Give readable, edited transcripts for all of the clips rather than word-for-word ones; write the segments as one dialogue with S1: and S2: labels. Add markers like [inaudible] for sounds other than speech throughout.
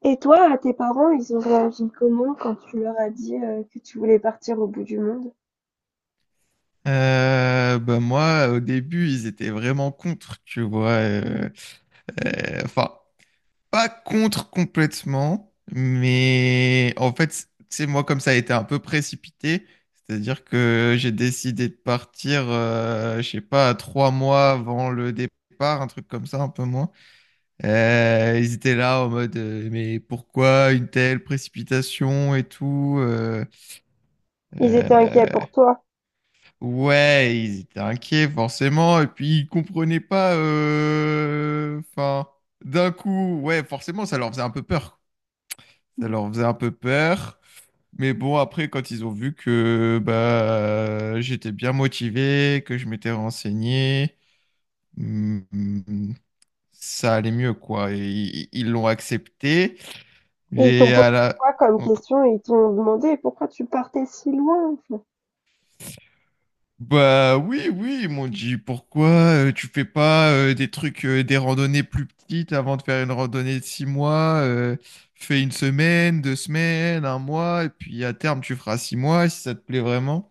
S1: Et toi, tes parents, ils ont réagi comment quand tu leur as dit que tu voulais partir au bout du monde?
S2: Bah moi, au début, ils étaient vraiment contre, tu vois. euh, enfin, pas contre complètement, mais en fait, c'est moi comme ça a été un peu précipité. C'est-à-dire que j'ai décidé de partir, je sais pas, trois mois avant le départ, un truc comme ça, un peu moins. Ils étaient là en mode, mais pourquoi une telle précipitation et tout
S1: Ils étaient inquiets
S2: euh,
S1: pour toi.
S2: Ouais, ils étaient inquiets forcément, et puis ils comprenaient pas. D'un coup, ouais, forcément, ça leur faisait un peu peur. Ça
S1: Mm.
S2: leur faisait un peu peur. Mais bon, après, quand ils ont vu que bah j'étais bien motivé, que je m'étais renseigné, hum, hum, ça allait mieux, quoi. Et ils l'ont accepté.
S1: Et ils t'ont
S2: Et
S1: posé
S2: à la...
S1: quoi comme
S2: donc,
S1: question? Ils t'ont demandé pourquoi tu partais si loin, enfin.
S2: bah oui, oui, ils m'ont dit pourquoi tu fais pas des trucs, des randonnées plus petites avant de faire une randonnée de six mois, fais une semaine, deux semaines, un mois, et puis à terme tu feras six mois si ça te plaît vraiment.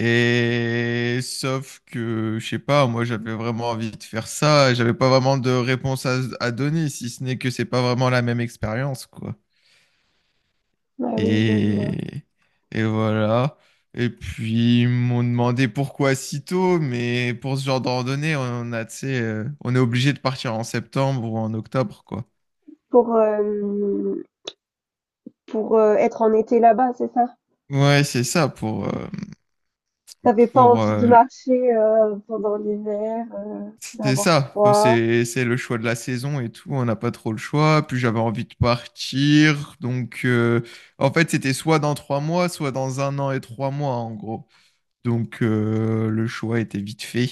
S2: Et sauf que, je sais pas, moi j'avais vraiment envie de faire ça, et j'avais pas vraiment de réponse à donner, si ce n'est que c'est pas vraiment la même expérience, quoi.
S1: Ah oui, je vois.
S2: Et, et voilà. Et puis, ils m'ont demandé pourquoi si tôt, mais pour ce genre de randonnée, on a, tu sais, on est obligé de partir en septembre ou en octobre, quoi.
S1: Pour, euh, pour être en été là-bas, c'est ça?
S2: Ouais, c'est ça
S1: T'avais pas
S2: pour,
S1: envie de
S2: euh,
S1: marcher pendant l'hiver,
S2: c'est
S1: d'avoir
S2: ça.
S1: froid.
S2: C'est le choix de la saison et tout. On n'a pas trop le choix. Puis j'avais envie de partir. Donc, en fait, c'était soit dans trois mois, soit dans un an et trois mois, en gros. Donc le choix était vite fait.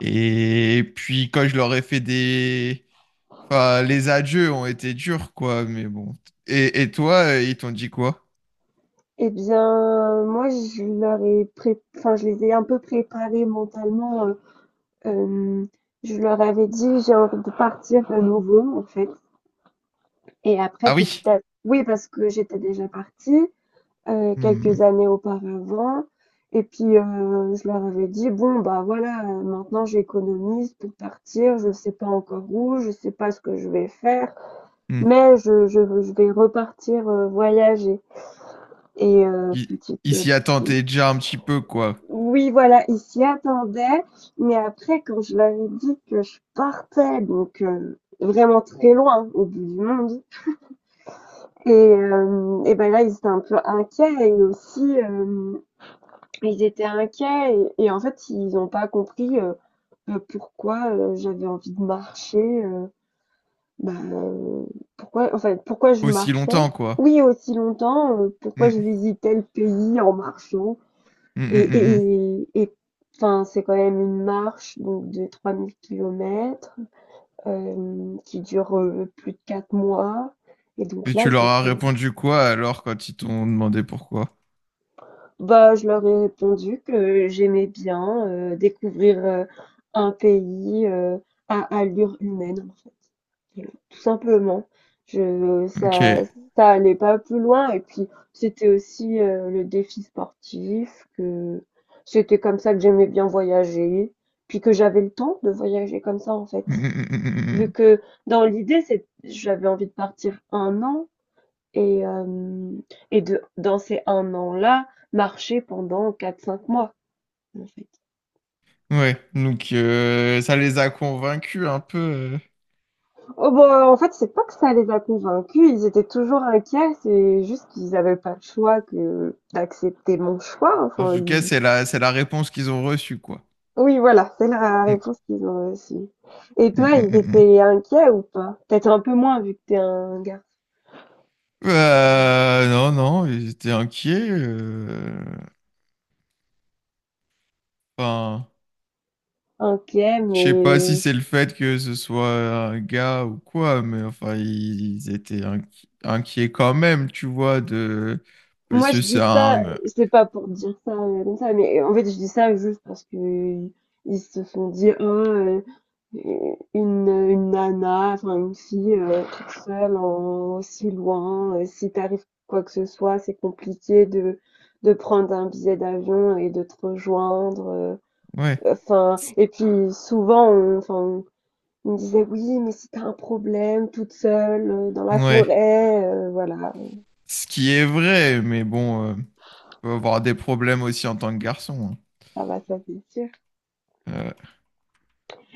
S2: Et puis quand je leur ai fait des... Enfin, les adieux ont été durs, quoi, mais bon. Et toi, ils t'ont dit quoi?
S1: Eh bien, moi, je leur ai pré... enfin, je les ai un peu préparés mentalement. Euh, Hem, je leur avais dit: «J'ai envie de partir à nouveau», en fait. Et après
S2: Ah
S1: petit
S2: oui.
S1: à oui, parce que j'étais déjà partie, quelques
S2: Hmm,
S1: années auparavant. Et puis, je leur avais dit: «Bon, bah, voilà, maintenant j'économise pour partir, je sais pas encore où, je sais pas ce que je vais faire,
S2: hmm.
S1: mais je vais repartir, voyager». Et
S2: Ils
S1: petit
S2: ils
S1: à
S2: s'y
S1: petit.
S2: attendaient déjà un petit peu, quoi.
S1: Oui, voilà, ils s'y attendaient. Mais après, quand je leur ai dit que je partais, donc vraiment très loin, au bout du monde, et ben là, ils étaient un peu inquiets et aussi, ils étaient inquiets et en fait, ils n'ont pas compris pourquoi j'avais envie de marcher. Bah, pourquoi, en fait, pourquoi je
S2: Aussi
S1: marchais?
S2: longtemps, quoi.
S1: Oui, aussi longtemps, pourquoi je
S2: Hmm,
S1: visitais le pays en marchant.
S2: hmm,
S1: Et
S2: hmm, hmm,
S1: et et enfin, c'est quand même une marche donc de 3 000 kilomètres, qui dure, plus de 4 mois. Et
S2: hmm.
S1: donc
S2: Et
S1: là,
S2: tu
S1: ils
S2: leur
S1: se
S2: as
S1: sont.
S2: répondu quoi alors quand ils t'ont demandé pourquoi?
S1: Bah, je leur ai répondu que j'aimais bien, découvrir, un pays, à allure humaine, en fait. Tout simplement. Je,
S2: Ok.
S1: ça, ça allait pas plus loin. Et puis, c'était aussi le défi sportif, que c'était comme ça que j'aimais bien voyager, puis que j'avais le temps de voyager comme ça, en
S2: Hmm,
S1: fait.
S2: hmm, hmm, hmm, hmm,
S1: Vu
S2: hmm.
S1: que dans l'idée, c'est, j'avais envie de partir un an et, euh, et de, dans ces un an-là, marcher pendant quatre cinq mois, en fait.
S2: Ouais, donc ça les a convaincus un peu.
S1: Oh bah, en fait, c'est pas que ça les a convaincus, ils étaient toujours inquiets, c'est juste qu'ils avaient pas le choix que d'accepter mon choix,
S2: En
S1: enfin,
S2: tout cas,
S1: ils.
S2: c'est la réponse qu'ils ont reçue, quoi.
S1: Oui, voilà, c'est la
S2: Mm,
S1: réponse qu'ils ont reçue. Et
S2: mm,
S1: toi, ils
S2: mm, mm.
S1: étaient inquiets ou pas? Peut-être un peu moins vu que t'es un garçon
S2: Non, non, ils étaient inquiets. Enfin,
S1: inquiet,
S2: je sais pas si
S1: mais.
S2: c'est le fait que ce soit un gars ou quoi, mais enfin, ils étaient inquiets quand même, tu vois, de... Parce
S1: Moi,
S2: que
S1: je
S2: c'est
S1: dis ça,
S2: un...
S1: c'est pas pour dire ça comme ça, mais en fait, je dis ça juste parce que ils se font dire, Ah, une nana, enfin une fille toute seule, en, aussi loin, si t'arrive quoi que ce soit, c'est compliqué de prendre un billet d'avion et de te rejoindre.
S2: Ouais,
S1: Enfin,
S2: c-
S1: et puis souvent, enfin, on me disait, oui, mais si t'as un problème toute seule, dans la
S2: ouais.
S1: forêt, voilà,
S2: Ce qui est vrai, mais bon, peut avoir des problèmes aussi en tant que garçon.
S1: ça va, ça c'est sûr.
S2: Hein.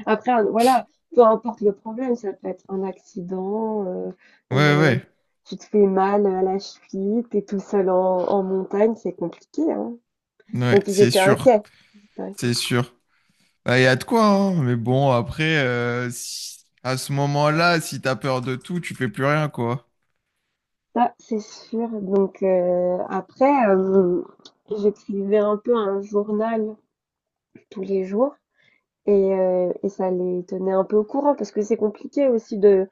S1: Après, voilà, peu importe le problème, ça peut être un accident,
S2: Ouais,
S1: euh,
S2: ouais,
S1: tu te fais mal à la cheville, t'es tout seul en montagne, c'est compliqué, hein.
S2: ouais,
S1: Donc ils
S2: c'est
S1: étaient
S2: sûr,
S1: inquiets. Ils étaient inquiets.
S2: c'est sûr. Bah, il y a de quoi, hein. Mais bon, après, à ce moment-là, si t'as peur de tout, tu fais plus rien, quoi.
S1: Ça, c'est sûr. Donc après, j'écrivais un peu un journal tous les jours, et, et ça les tenait un peu au courant parce que c'est compliqué aussi de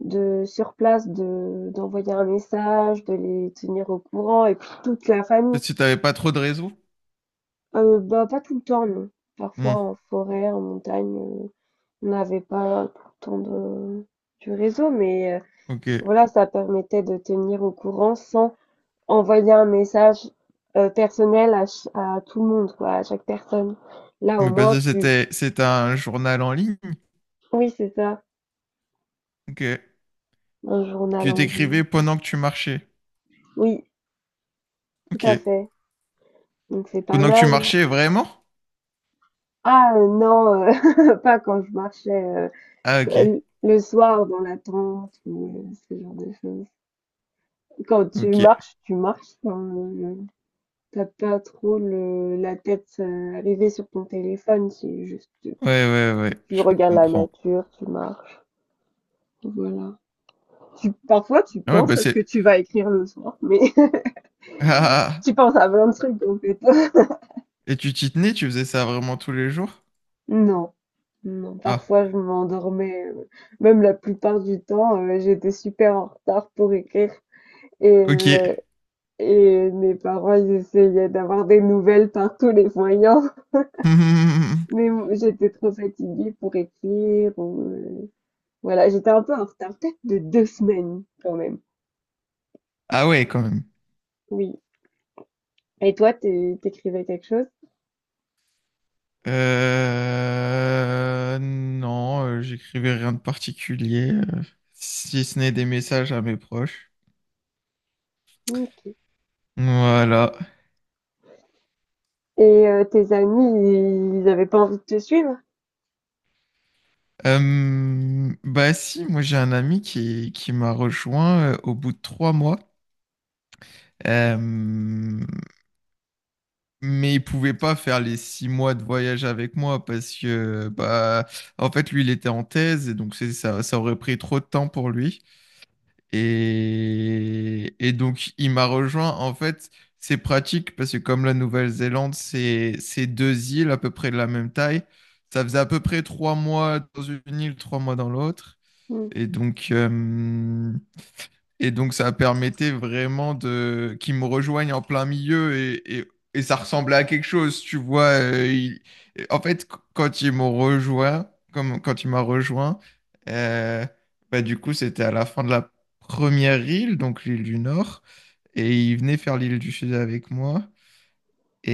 S1: de sur place de d'envoyer un message, de les tenir au courant et puis toute la famille.
S2: Parce que si t'avais pas trop de réseau.
S1: Bah, pas tout le temps, non. Parfois
S2: Hmm,
S1: en forêt, en montagne, on n'avait pas tout le temps de du réseau, mais
S2: ok.
S1: voilà, ça permettait de tenir au courant sans envoyer un message, personnel à tout le monde, quoi, à chaque personne. Là, au
S2: Mais parce
S1: moins,
S2: que
S1: tu.
S2: c'était un journal en ligne.
S1: Oui, c'est ça,
S2: Ok.
S1: un journal
S2: Que
S1: en ligne.
S2: t'écrivais pendant que tu marchais.
S1: Oui, tout
S2: Ok.
S1: à fait, donc c'est pas
S2: Pendant que tu
S1: mal.
S2: marchais, vraiment?
S1: Ah, non, [laughs] pas quand je marchais,
S2: Ah, ok.
S1: le soir dans la tente ou ce genre de choses. Quand
S2: Ok. Ouais,
S1: tu marches, enfin, tu pas trop le la tête, rêvée sur ton téléphone, c'est juste, tu
S2: ouais, ouais.
S1: tu
S2: Je
S1: regardes la
S2: comprends.
S1: nature, tu marches, voilà. Tu Parfois, tu
S2: Ah ouais,
S1: penses
S2: bah
S1: à ce que
S2: c'est...
S1: tu vas
S2: [laughs]
S1: écrire le soir, mais [laughs]
S2: Ah, ah, ah.
S1: tu penses à plein de trucs en fait. [laughs]
S2: Et tu t'y tenais, tu faisais ça vraiment tous les jours?
S1: Non, non,
S2: Ah,
S1: parfois je m'endormais, même la plupart du temps, j'étais super en retard pour écrire et
S2: ok.
S1: heu et mes parents, ils essayaient d'avoir des nouvelles par tous les moyens.
S2: [laughs]
S1: Mais j'étais trop fatiguée pour écrire. Ou, voilà, j'étais un peu en retard, peut-être de 2 semaines quand même.
S2: Ah ouais, quand même.
S1: Oui. Et toi, t'écrivais quelque chose?
S2: Non, j'écrivais rien de particulier, si ce n'est des messages à mes proches.
S1: Ok.
S2: Voilà.
S1: Et tes amis, ils avaient pas envie de te suivre?
S2: Bah si, moi j'ai un ami qui m'a rejoint au bout de trois mois. Euh, mais il pouvait pas faire les six mois de voyage avec moi parce que bah en fait lui il était en thèse et donc ça, ça aurait pris trop de temps pour lui. Et donc, il m'a rejoint. En fait, c'est pratique parce que comme la Nouvelle-Zélande, c'est deux îles à peu près de la même taille. Ça faisait à peu près trois mois dans une île, trois mois dans l'autre.
S1: Hmm.
S2: Et donc, euh, et donc, ça permettait vraiment de qu'ils me rejoignent en plein milieu et ça ressemblait à quelque chose, tu vois. En fait, quand ils m'ont rejoint, comme quand il m'a rejoint, euh, bah, du coup, c'était à la fin de la première île, donc l'île du Nord, et il venait faire l'île du Sud avec moi.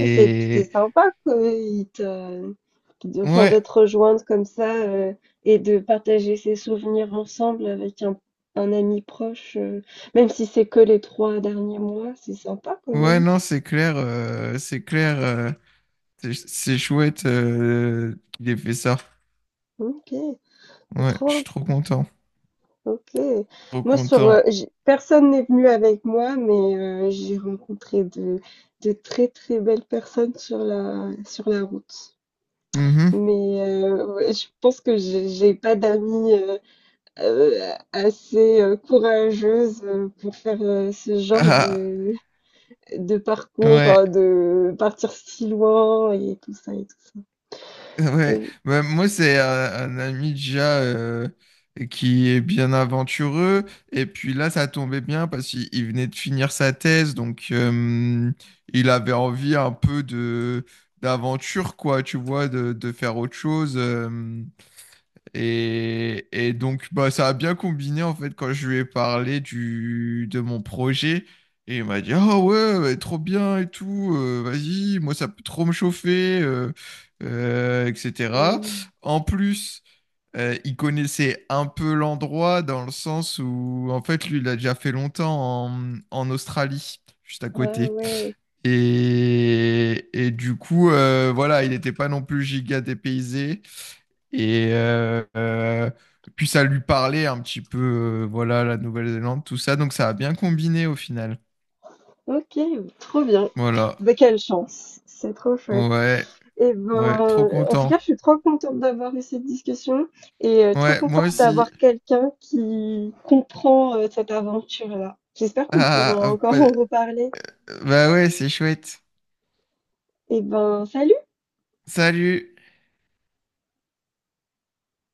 S1: Ah, c'est sympa enfin, de te
S2: ouais,
S1: rejoindre comme ça, et de partager ses souvenirs ensemble avec un ami proche, même si c'est que les 3 derniers mois, c'est sympa quand
S2: ouais,
S1: même.
S2: non, c'est clair, c'est clair, c'est chouette qu'il ait fait ça.
S1: Ok,
S2: Ouais, je suis
S1: trop
S2: trop content,
S1: OK.
S2: trop
S1: Moi sur,
S2: content.
S1: j'ai personne n'est venu avec moi, mais j'ai rencontré de très, très belles personnes sur la route.
S2: Mhm.
S1: Mais ouais, je pense que j'ai pas d'amis, heu, assez, courageuses, pour faire, ce genre
S2: Ah,
S1: de parcours,
S2: ouais,
S1: enfin de partir si loin et tout ça et tout ça.
S2: ouais.
S1: Oui,
S2: Bah, moi, c'est un, ami déjà qui est bien aventureux. Et puis là, ça tombait bien parce qu'il venait de finir sa thèse. Donc, il avait envie un peu de d'aventure, quoi, tu vois, de faire autre chose. Et donc, bah, ça a bien combiné en fait quand je lui ai parlé du, de mon projet. Et il m'a dit, ah ouais, bah, trop bien et tout, vas-y, moi ça peut trop me chauffer, etc.
S1: mmh.
S2: En plus, il connaissait un peu l'endroit dans le sens où, en fait, lui, il a déjà fait longtemps en, en Australie, juste à
S1: Ah
S2: côté.
S1: ouais.
S2: Et du coup, voilà, il n'était pas non plus giga dépaysé. Et puis, ça lui parlait un petit peu, voilà, la Nouvelle-Zélande, tout ça. Donc, ça a bien combiné au final.
S1: OK, trop bien.
S2: Voilà.
S1: Bah, quelle chance, c'est trop chouette.
S2: Ouais,
S1: Et
S2: ouais, trop
S1: ben, en tout
S2: content.
S1: cas, je suis trop contente d'avoir eu cette discussion et trop
S2: Ouais, moi
S1: contente
S2: aussi.
S1: d'avoir quelqu'un qui comprend, cette aventure-là. J'espère qu'on pourra
S2: Ah, ah, ah,
S1: encore
S2: pas-
S1: en reparler.
S2: bah ouais, c'est chouette.
S1: Et ben, salut!
S2: Salut.